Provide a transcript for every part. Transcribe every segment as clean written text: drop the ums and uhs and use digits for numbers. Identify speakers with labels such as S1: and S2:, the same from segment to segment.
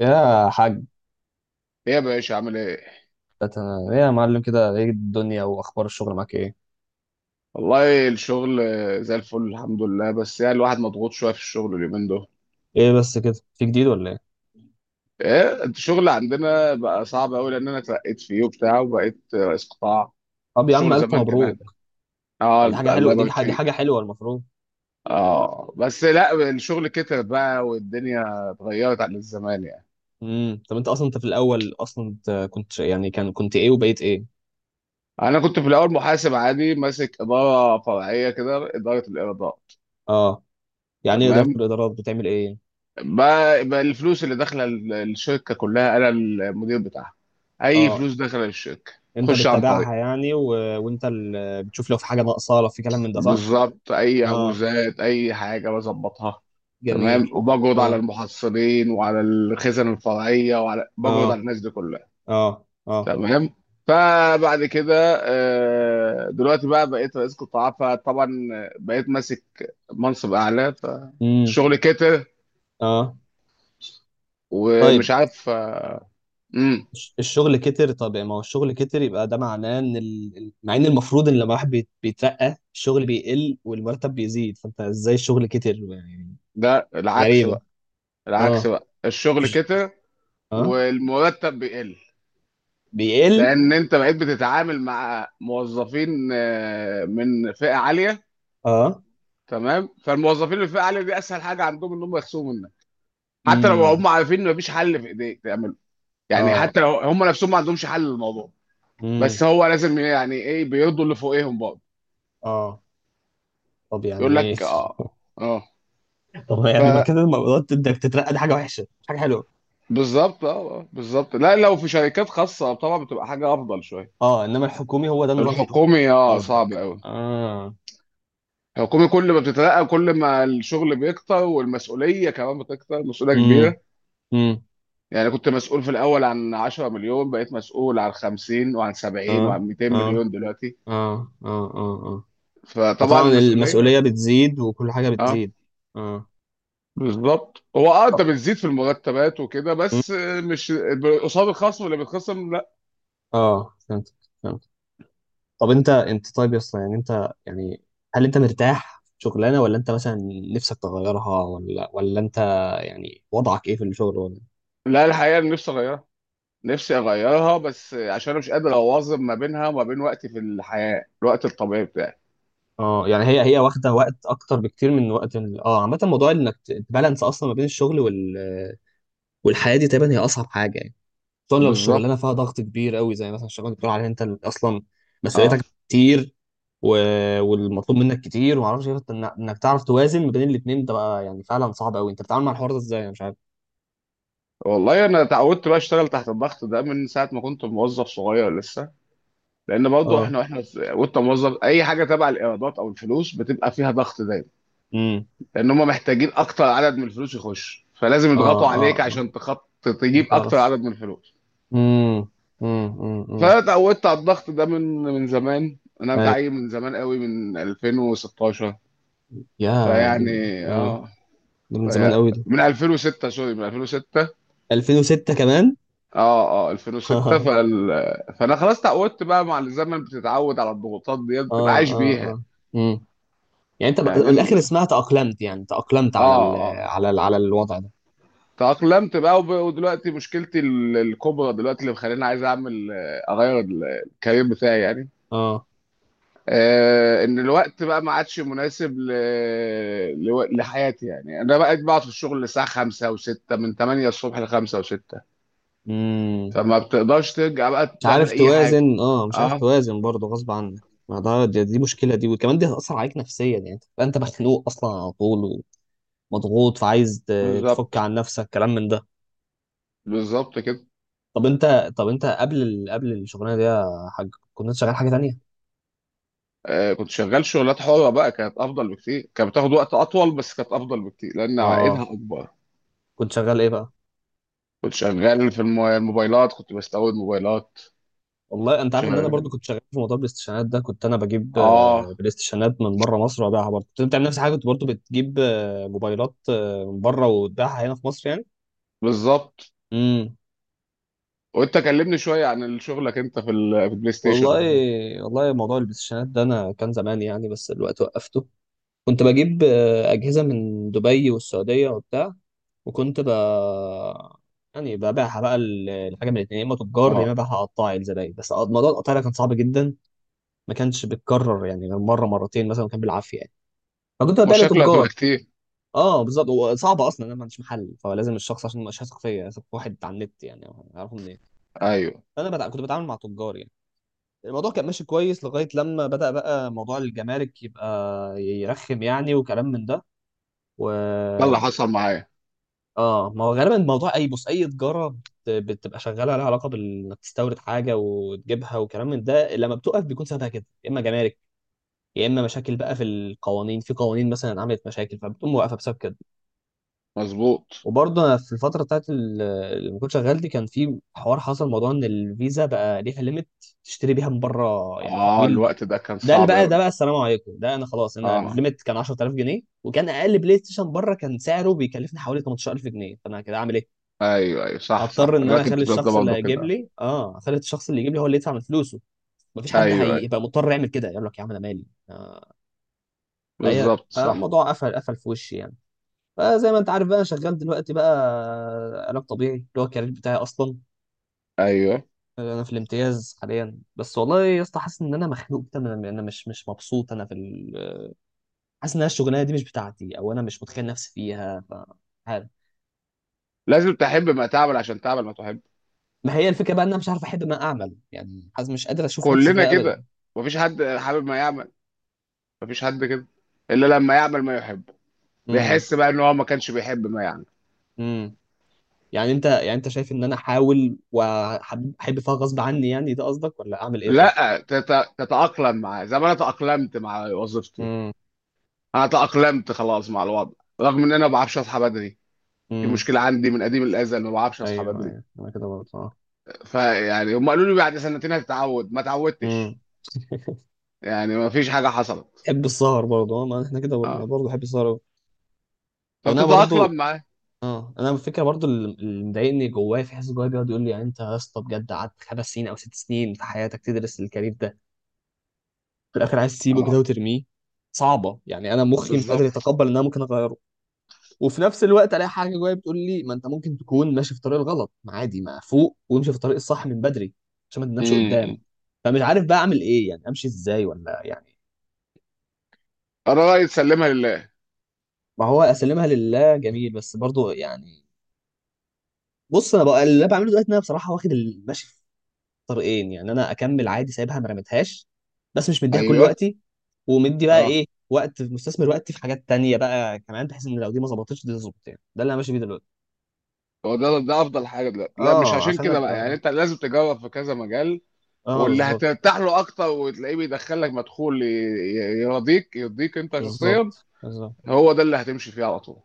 S1: يا حاج.
S2: ايه يا باشا عامل ايه؟
S1: أت- ايه يا معلم، كده ايه الدنيا واخبار الشغل معاك ايه؟
S2: والله الشغل زي الفل الحمد لله، بس يعني الواحد مضغوط شويه في الشغل اليومين دول.
S1: ايه بس كده، في جديد ولا ايه؟
S2: ايه انت، الشغل عندنا بقى صعب قوي لان انا اترقيت فيه وبتاع وبقيت رئيس قطاع.
S1: طب يا عم،
S2: الشغل
S1: الف
S2: زمان كان اهدى.
S1: مبروك.
S2: اه،
S1: طب دي حاجه
S2: الله
S1: حلوه، دي
S2: يبارك
S1: دي حاجه
S2: فيك.
S1: حلوه المفروض.
S2: اه بس لا، الشغل كتر بقى والدنيا اتغيرت عن زمان يعني.
S1: طب انت اصلا، انت في الاول، اصلا انت كنت يعني كنت ايه وبقيت ايه؟
S2: انا كنت في الاول محاسب عادي ماسك اداره فرعيه كده، اداره الارضاء.
S1: اه. يعني ايه اداره
S2: تمام.
S1: الادارات، بتعمل ايه؟
S2: بقى الفلوس اللي داخله الشركه كلها انا المدير بتاعها. اي
S1: اه،
S2: فلوس داخله الشركه
S1: انت
S2: خش عن طريق.
S1: بتتابعها يعني وانت بتشوف لو في حاجه ناقصه، لو في كلام من ده، صح؟
S2: بالظبط، اي
S1: اه،
S2: عجوزات اي حاجه بظبطها. تمام،
S1: جميل.
S2: وبجرد على
S1: اه
S2: المحصلين وعلى الخزن الفرعيه وعلى بجرد على
S1: اه
S2: الناس دي كلها.
S1: اه اه.
S2: تمام. فبعد كده دلوقتي بقى بقيت رئيس قطاع، فطبعا بقيت ماسك منصب اعلى
S1: امم.
S2: فالشغل كتر
S1: اه.
S2: ومش
S1: طيب.
S2: عارف. امم
S1: الشغل كتر، طب ما هو الشغل كتر يبقى ده معناه ان مع ان المفروض ان لما واحد بيترقى الشغل بيقل والمرتب بيزيد، فانت ازاي الشغل كتر يعني؟
S2: ده العكس،
S1: غريبة.
S2: العكس
S1: اه.
S2: بقى الشغل
S1: مش-
S2: كتر
S1: اه.
S2: والمرتب بيقل،
S1: بيقل.
S2: لان انت بقيت بتتعامل مع موظفين من فئه عاليه.
S1: اه.
S2: تمام. فالموظفين اللي في فئه عاليه دي اسهل حاجه عندهم ان هم يخصموا منك، حتى لو
S1: امم.
S2: هم عارفين ان مفيش حل في ايديك تعمله، يعني
S1: اه.
S2: حتى لو هم نفسهم ما عندهمش حل للموضوع.
S1: امم.
S2: بس هو لازم، يعني ايه، بيرضوا اللي فوقيهم برضه.
S1: اه. طب
S2: يقول
S1: يعني ايه؟
S2: لك اه اه.
S1: طب
S2: ف
S1: يعني ما كده المرات، انك تترقى دي حاجة وحشة مش حاجة حلوة.
S2: بالظبط اه. بالظبط. لا، لو في شركات خاصه طبعا بتبقى حاجه افضل شويه.
S1: اه، انما الحكومي هو ده النظام في الحكومة.
S2: الحكومي صعب
S1: قصدك.
S2: قوي.
S1: اه.
S2: الحكومة كل ما بتترقى كل ما الشغل بيكتر والمسؤولية كمان بتكتر، المسؤولية
S1: امم.
S2: كبيرة.
S1: امم.
S2: يعني كنت مسؤول في الأول عن 10 مليون، بقيت مسؤول عن 50 وعن 70
S1: اه
S2: وعن 200
S1: اه
S2: مليون دلوقتي.
S1: اه اه اه اه.
S2: فطبعا
S1: وطبعا
S2: المسؤولية،
S1: المسؤولية بتزيد وكل حاجة
S2: اه
S1: بتزيد. اه.
S2: بالظبط. هو انت
S1: طب
S2: بتزيد في المرتبات وكده
S1: م-
S2: بس، مش قصاد الخصم اللي بيتخصم، لا.
S1: اه، فهمت فهمت. طب انت، طيب يا اسطى، يعني انت يعني هل انت مرتاح في شغلانة، ولا انت مثلا نفسك تغيرها، ولا انت يعني وضعك ايه في الشغل ولا؟
S2: لا، الحقيقة أنا نفسي أغيرها. نفسي أغيرها بس عشان أنا مش قادر أواظب ما بينها وما بين وقتي في الحياة، الوقت الطبيعي بتاعي.
S1: اه يعني هي، هي واخدة وقت اكتر بكتير من وقت اه، عامة موضوع انك تبالانس اصلا ما بين الشغل والحياة دي تقريبا هي اصعب حاجة يعني. خصوصا لو
S2: بالظبط
S1: الشغلانه فيها ضغط كبير قوي، زي مثلا الشغلانه اللي بتقول عليها انت اللي اصلا
S2: اه.
S1: مسؤوليتك كتير و... والمطلوب منك كتير وما اعرفش إيه، فأنت انك تعرف توازن ما بين الاثنين ده، بقى يعني فعلا صعب قوي. انت بتتعامل مع الحوار ده ازاي؟ انا مش عارف.
S2: والله انا اتعودت بقى اشتغل تحت الضغط ده من ساعه ما كنت موظف صغير لسه، لان برضه
S1: اه.
S2: وانت موظف اي حاجه تبع الايرادات او الفلوس بتبقى فيها ضغط دايما،
S1: امم.
S2: لان هم محتاجين اكتر عدد من الفلوس يخش، فلازم
S1: اه.
S2: يضغطوا
S1: اه.
S2: عليك
S1: اه.
S2: عشان تخط، تجيب
S1: انت
S2: اكتر
S1: تعرف.
S2: عدد من الفلوس.
S1: امم. امم. امم.
S2: فانا اتعودت على الضغط ده من زمان. انا
S1: اي
S2: متعين من زمان قوي من 2016.
S1: يا دي.
S2: فيعني
S1: اه.
S2: اه.
S1: ده من زمان
S2: في
S1: قوي ده.
S2: من 2006 سوري من 2006.
S1: 2006 كمان؟
S2: اه اه 2006
S1: اه.
S2: فانا خلاص تعودت بقى مع الزمن، بتتعود على الضغوطات ديت، بتبقى
S1: اه.
S2: عايش بيها.
S1: اه. امم. يعني انت
S2: يعني
S1: من الاخر اسمها تأقلمت، يعني تأقلمت على
S2: اه اه.
S1: على الوضع ده.
S2: تأقلمت بقى ودلوقتي مشكلتي الكبرى دلوقتي، اللي مخليني عايز اعمل اغير الكارير بتاعي يعني.
S1: اه.
S2: ان الوقت بقى ما عادش مناسب لحياتي يعني. انا بقيت بقعد في الشغل الساعه 5 و6، من 8 الصبح ل 5 و6،
S1: امم.
S2: فما بتقدرش ترجع بقى
S1: مش
S2: تعمل
S1: عارف
S2: اي حاجه.
S1: توازن، اه مش عارف
S2: اه،
S1: توازن برضه غصب عنك. ما ده، دي مشكله دي، وكمان دي هتاثر عليك نفسيا، يعني تبقى انت مخنوق اصلا على طول ومضغوط، فعايز تفك
S2: بالظبط،
S1: عن نفسك، كلام من ده.
S2: بالظبط كده.
S1: طب انت قبل قبل الشغلانه دي يا حاج، كنت شغال حاجه تانية؟
S2: كنت شغال شغلات حرة بقى، كانت أفضل بكتير، كانت بتاخد وقت أطول بس كانت أفضل بكتير لأن عائدها
S1: اه،
S2: أكبر.
S1: كنت شغال ايه بقى؟
S2: كنت شغال في الموبايلات، كنت بستورد موبايلات.
S1: والله انت عارف ان انا برضو
S2: شغال.
S1: كنت شغال في موضوع الاستشانات ده، كنت انا بجيب
S2: آه
S1: آه، بلاي ستيشنات من بره مصر وابيعها، برضه كنت بتعمل نفس الحاجه، كنت برضو بتجيب آه، موبايلات آه، من بره وتبيعها هنا في مصر يعني.
S2: بالظبط.
S1: امم.
S2: وأنت كلمني شوية عن شغلك أنت في في البلاي ستيشن
S1: والله
S2: وحاجات.
S1: والله موضوع البلايستيشنات ده انا كان زمان يعني، بس دلوقتي وقفته. كنت بجيب آه، اجهزه من دبي والسعوديه وبتاع، وكنت ب يعني ببيعها بقى الحاجه من الاثنين، يا اما تجار يا اما
S2: آه
S1: ببيعها قطاعي لزباين، بس موضوع القطاعي ده كان صعب جدا، ما كانش بيتكرر يعني غير مره مرتين مثلا، كان بالعافيه يعني، فكنت ببيع
S2: مشاكله هتبقى
S1: لتجار.
S2: كتير.
S1: اه، بالظبط، وصعب اصلا، انا ما عنديش محل، فلازم الشخص عشان مش هثق فيا، هثق في واحد على النت يعني؟ اعرفه منين؟
S2: أيوه،
S1: فانا كنت بتعامل مع تجار يعني، الموضوع كان ماشي كويس لغاية لما بدأ بقى موضوع الجمارك يبقى يرخم يعني، وكلام من ده. و
S2: ده اللي حصل معايا.
S1: اه، ما هو غالبا موضوع اي، بص اي تجارة بتبقى شغالة لها علاقة انك تستورد حاجة وتجيبها وكلام من ده، لما بتقف بيكون سببها كده، يا اما جمارك يا اما مشاكل بقى في القوانين، في قوانين مثلا عملت مشاكل فبتقوم واقفة بسبب كده.
S2: مظبوط.
S1: وبرضه انا في الفتره بتاعت اللي كنت شغال دي، كان في حوار حصل موضوع ان الفيزا بقى ليها ليميت تشتري بيها من بره، يعني تحويل.
S2: الوقت ده كان صعب
S1: ده
S2: أوي.
S1: بقى السلام عليكم. ده انا خلاص، انا
S2: آه
S1: الليميت كان 10,000 جنيه، وكان اقل بلاي ستيشن بره كان سعره بيكلفني حوالي 18,000 جنيه، فانا كده اعمل ايه؟
S2: أيوه أيوه، صح صح.
S1: هضطر ان
S2: أنا
S1: انا
S2: كنت
S1: اخلي
S2: في الوقت ده
S1: الشخص اللي
S2: برضه
S1: هيجيب
S2: كده.
S1: لي، اه اخلي الشخص اللي يجيب لي هو اللي يدفع من فلوسه، مفيش
S2: أيوه
S1: حد
S2: أيوه،
S1: هيبقى مضطر يعمل كده، يقول لك يا عم انا مالي آه، فهي
S2: بالظبط صح.
S1: فالموضوع قفل قفل في وشي يعني. فزي ما انت عارف بقى انا شغال دلوقتي بقى علاج طبيعي، اللي هو الكارير بتاعي اصلا.
S2: أيوه،
S1: انا في الامتياز حاليا بس، والله يا اسطى حاسس ان انا مخنوق كده، أنا مش مبسوط، انا في حاسس ان انا الشغلانه دي مش بتاعتي، او انا مش متخيل نفسي فيها، عارف.
S2: لازم تحب ما تعمل عشان تعمل ما تحب.
S1: ما هي الفكره بقى ان انا مش عارف احب ما اعمل، يعني حاسس مش قادر اشوف نفسي
S2: كلنا
S1: فيها ابدا.
S2: كده، مفيش حد حابب ما يعمل، مفيش حد كده الا لما يعمل ما يحب،
S1: امم.
S2: بيحس بقى ان هو ما كانش بيحب ما يعمل.
S1: امم. يعني انت، يعني انت شايف ان انا احاول واحب فيها غصب عني يعني، ده قصدك، ولا اعمل ايه طيب؟
S2: لا، تتأقلم معاه زي ما انا تأقلمت مع وظيفتي.
S1: امم.
S2: انا تأقلمت خلاص مع الوضع، رغم ان انا ما بعرفش اصحى بدري، دي
S1: امم.
S2: مشكلة عندي من قديم الأزل، ما بعرفش أصحى
S1: ايوه
S2: بدري.
S1: ايوه. انا كده برضه اه.
S2: فيعني هم قالوا لي بعد سنتين هتتعود، ما اتعودتش.
S1: امم.
S2: يعني ما فيش حاجة حصلت.
S1: بحب السهر برضه اه، ما احنا كده برضه، أنا
S2: اه،
S1: برضه بحب السهر أوي. او انا برضه
S2: فبتتأقلم معاه.
S1: اه. انا الفكره برضه اللي مضايقني جوايا، في حاسس جوايا بيقعد يقول لي يعني انت يا اسطى بجد قعدت 5 سنين او 6 سنين في حياتك تدرس الكارير ده، في الاخر عايز تسيبه
S2: اه،
S1: كده وترميه؟ صعبه يعني، انا مخي مش قادر
S2: بالظبط.
S1: يتقبل ان انا ممكن اغيره. وفي نفس الوقت الاقي حاجه جوايا بتقول لي ما انت ممكن تكون ماشي في الطريق الغلط، ما عادي ما فوق وامشي في الطريق الصح من بدري عشان ما تنامش قدام،
S2: امم
S1: فمش عارف بقى اعمل ايه يعني، امشي ازاي ولا يعني.
S2: الرأي تسلمها لله.
S1: ما هو اسلمها لله، جميل، بس برضه يعني، بص انا بقى اللي انا بعمله دلوقتي ان انا بصراحه واخد المشي في طريقين، يعني انا اكمل عادي سايبها ما رميتهاش، بس مش مديها كل
S2: ايوه
S1: وقتي، ومدي بقى
S2: اه.
S1: ايه وقت مستثمر وقتي في حاجات تانية بقى كمان، بحيث ان لو دي ما ظبطتش دي تظبط، يعني ده اللي انا ماشي بيه دلوقتي.
S2: هو ده افضل حاجه دلوقتي. لا مش
S1: اه،
S2: عشان
S1: عشان
S2: كده بقى، يعني
S1: ابقى
S2: انت لازم تجرب في كذا مجال،
S1: اه،
S2: واللي
S1: بالظبط.
S2: هترتاح له اكتر وتلاقيه بيدخلك مدخول يرضيك انت شخصيا.
S1: بالظبط بالظبط.
S2: هو ده اللي هتمشي فيه على طول.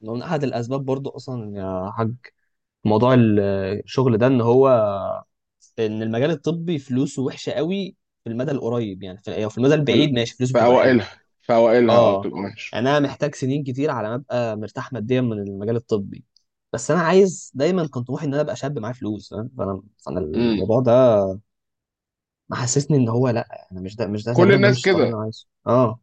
S1: من احد الاسباب برضو اصلا يا حاج، موضوع الشغل ده ان هو، ان المجال الطبي فلوسه وحشه قوي في المدى القريب، يعني في أو في المدى
S2: في ال-
S1: البعيد ماشي فلوسه
S2: في
S1: بتبقى حلوه.
S2: اوائلها في اوائلها
S1: اه،
S2: بتبقى ماشي.
S1: يعني انا محتاج سنين كتير على ما ابقى مرتاح ماديا من المجال الطبي، بس انا عايز دايما كان طموحي ان انا ابقى شاب معايا فلوس، فاهم؟ فانا
S2: امم
S1: الموضوع ده محسسني ان هو لا، انا مش ده، مش ده
S2: كل
S1: غالبا، ده
S2: الناس
S1: مش الطريق
S2: كده،
S1: اللي انا عايزه اه.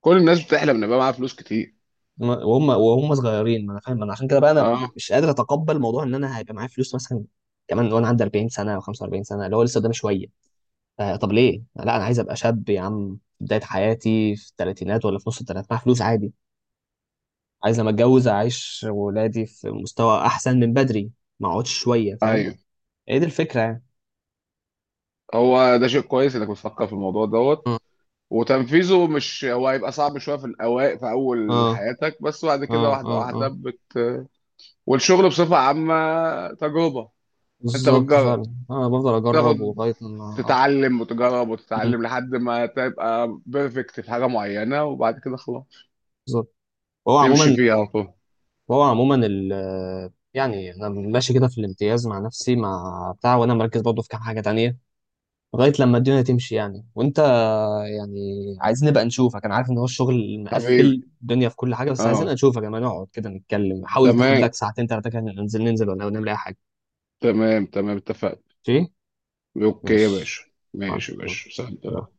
S2: كل الناس بتحلم ان يبقى معاها فلوس كتير.
S1: وهم صغيرين، ما انا فاهم، انا عشان كده بقى انا
S2: اه،
S1: مش قادر اتقبل موضوع ان انا هيبقى معايا فلوس مثلا كمان وانا عندي 40 سنه او 45 سنه، اللي هو لسه قدامي شويه. آه طب ليه؟ لا انا عايز ابقى شاب يا عم في بدايه حياتي، في الثلاثينات ولا في نص الثلاثينات، معايا فلوس عادي، عايز لما اتجوز اعيش ولادي في مستوى احسن من بدري، ما اقعدش شويه فاهم؟
S2: ايوه،
S1: ايه دي الفكره يعني.
S2: هو ده شيء كويس انك بتفكر في الموضوع
S1: مم.
S2: دوت. وتنفيذه، مش هو هيبقى صعب شويه في الاوائل في اول
S1: اه
S2: حياتك، بس بعد
S1: اه
S2: كده واحده
S1: اه
S2: واحده
S1: اه.
S2: والشغل بصفة عامة تجربة. انت
S1: بالظبط
S2: بتجرب،
S1: فعلا. انا بفضل اجرب
S2: تاخد،
S1: ولغايه ما اه.
S2: تتعلم وتجرب
S1: مم.
S2: وتتعلم لحد ما تبقى بيرفكت في حاجة معينة، وبعد كده خلاص
S1: بالظبط. وهو
S2: تمشي
S1: عموما
S2: فيها على طول.
S1: وهو عموما يعني انا ماشي كده في الامتياز مع نفسي مع بتاع، وانا مركز برضه في كام حاجه تانية لغاية لما الدنيا تمشي يعني. وانت يعني عايزين نبقى نشوفك، انا عارف ان هو الشغل
S2: حبيبي،
S1: مقفل الدنيا في كل حاجة، بس عايزين نبقى
S2: اه،
S1: نشوفك لما نقعد كده نتكلم، حاول تاخد
S2: تمام
S1: لك ساعتين تلاتة كده ننزل ننزل ولا نعمل اي حاجة.
S2: تمام تمام، اتفقنا. اوكي يا
S1: ماشي.
S2: باشا.
S1: ماشي.
S2: ماشي يا باشا،
S1: يلا.
S2: سلام.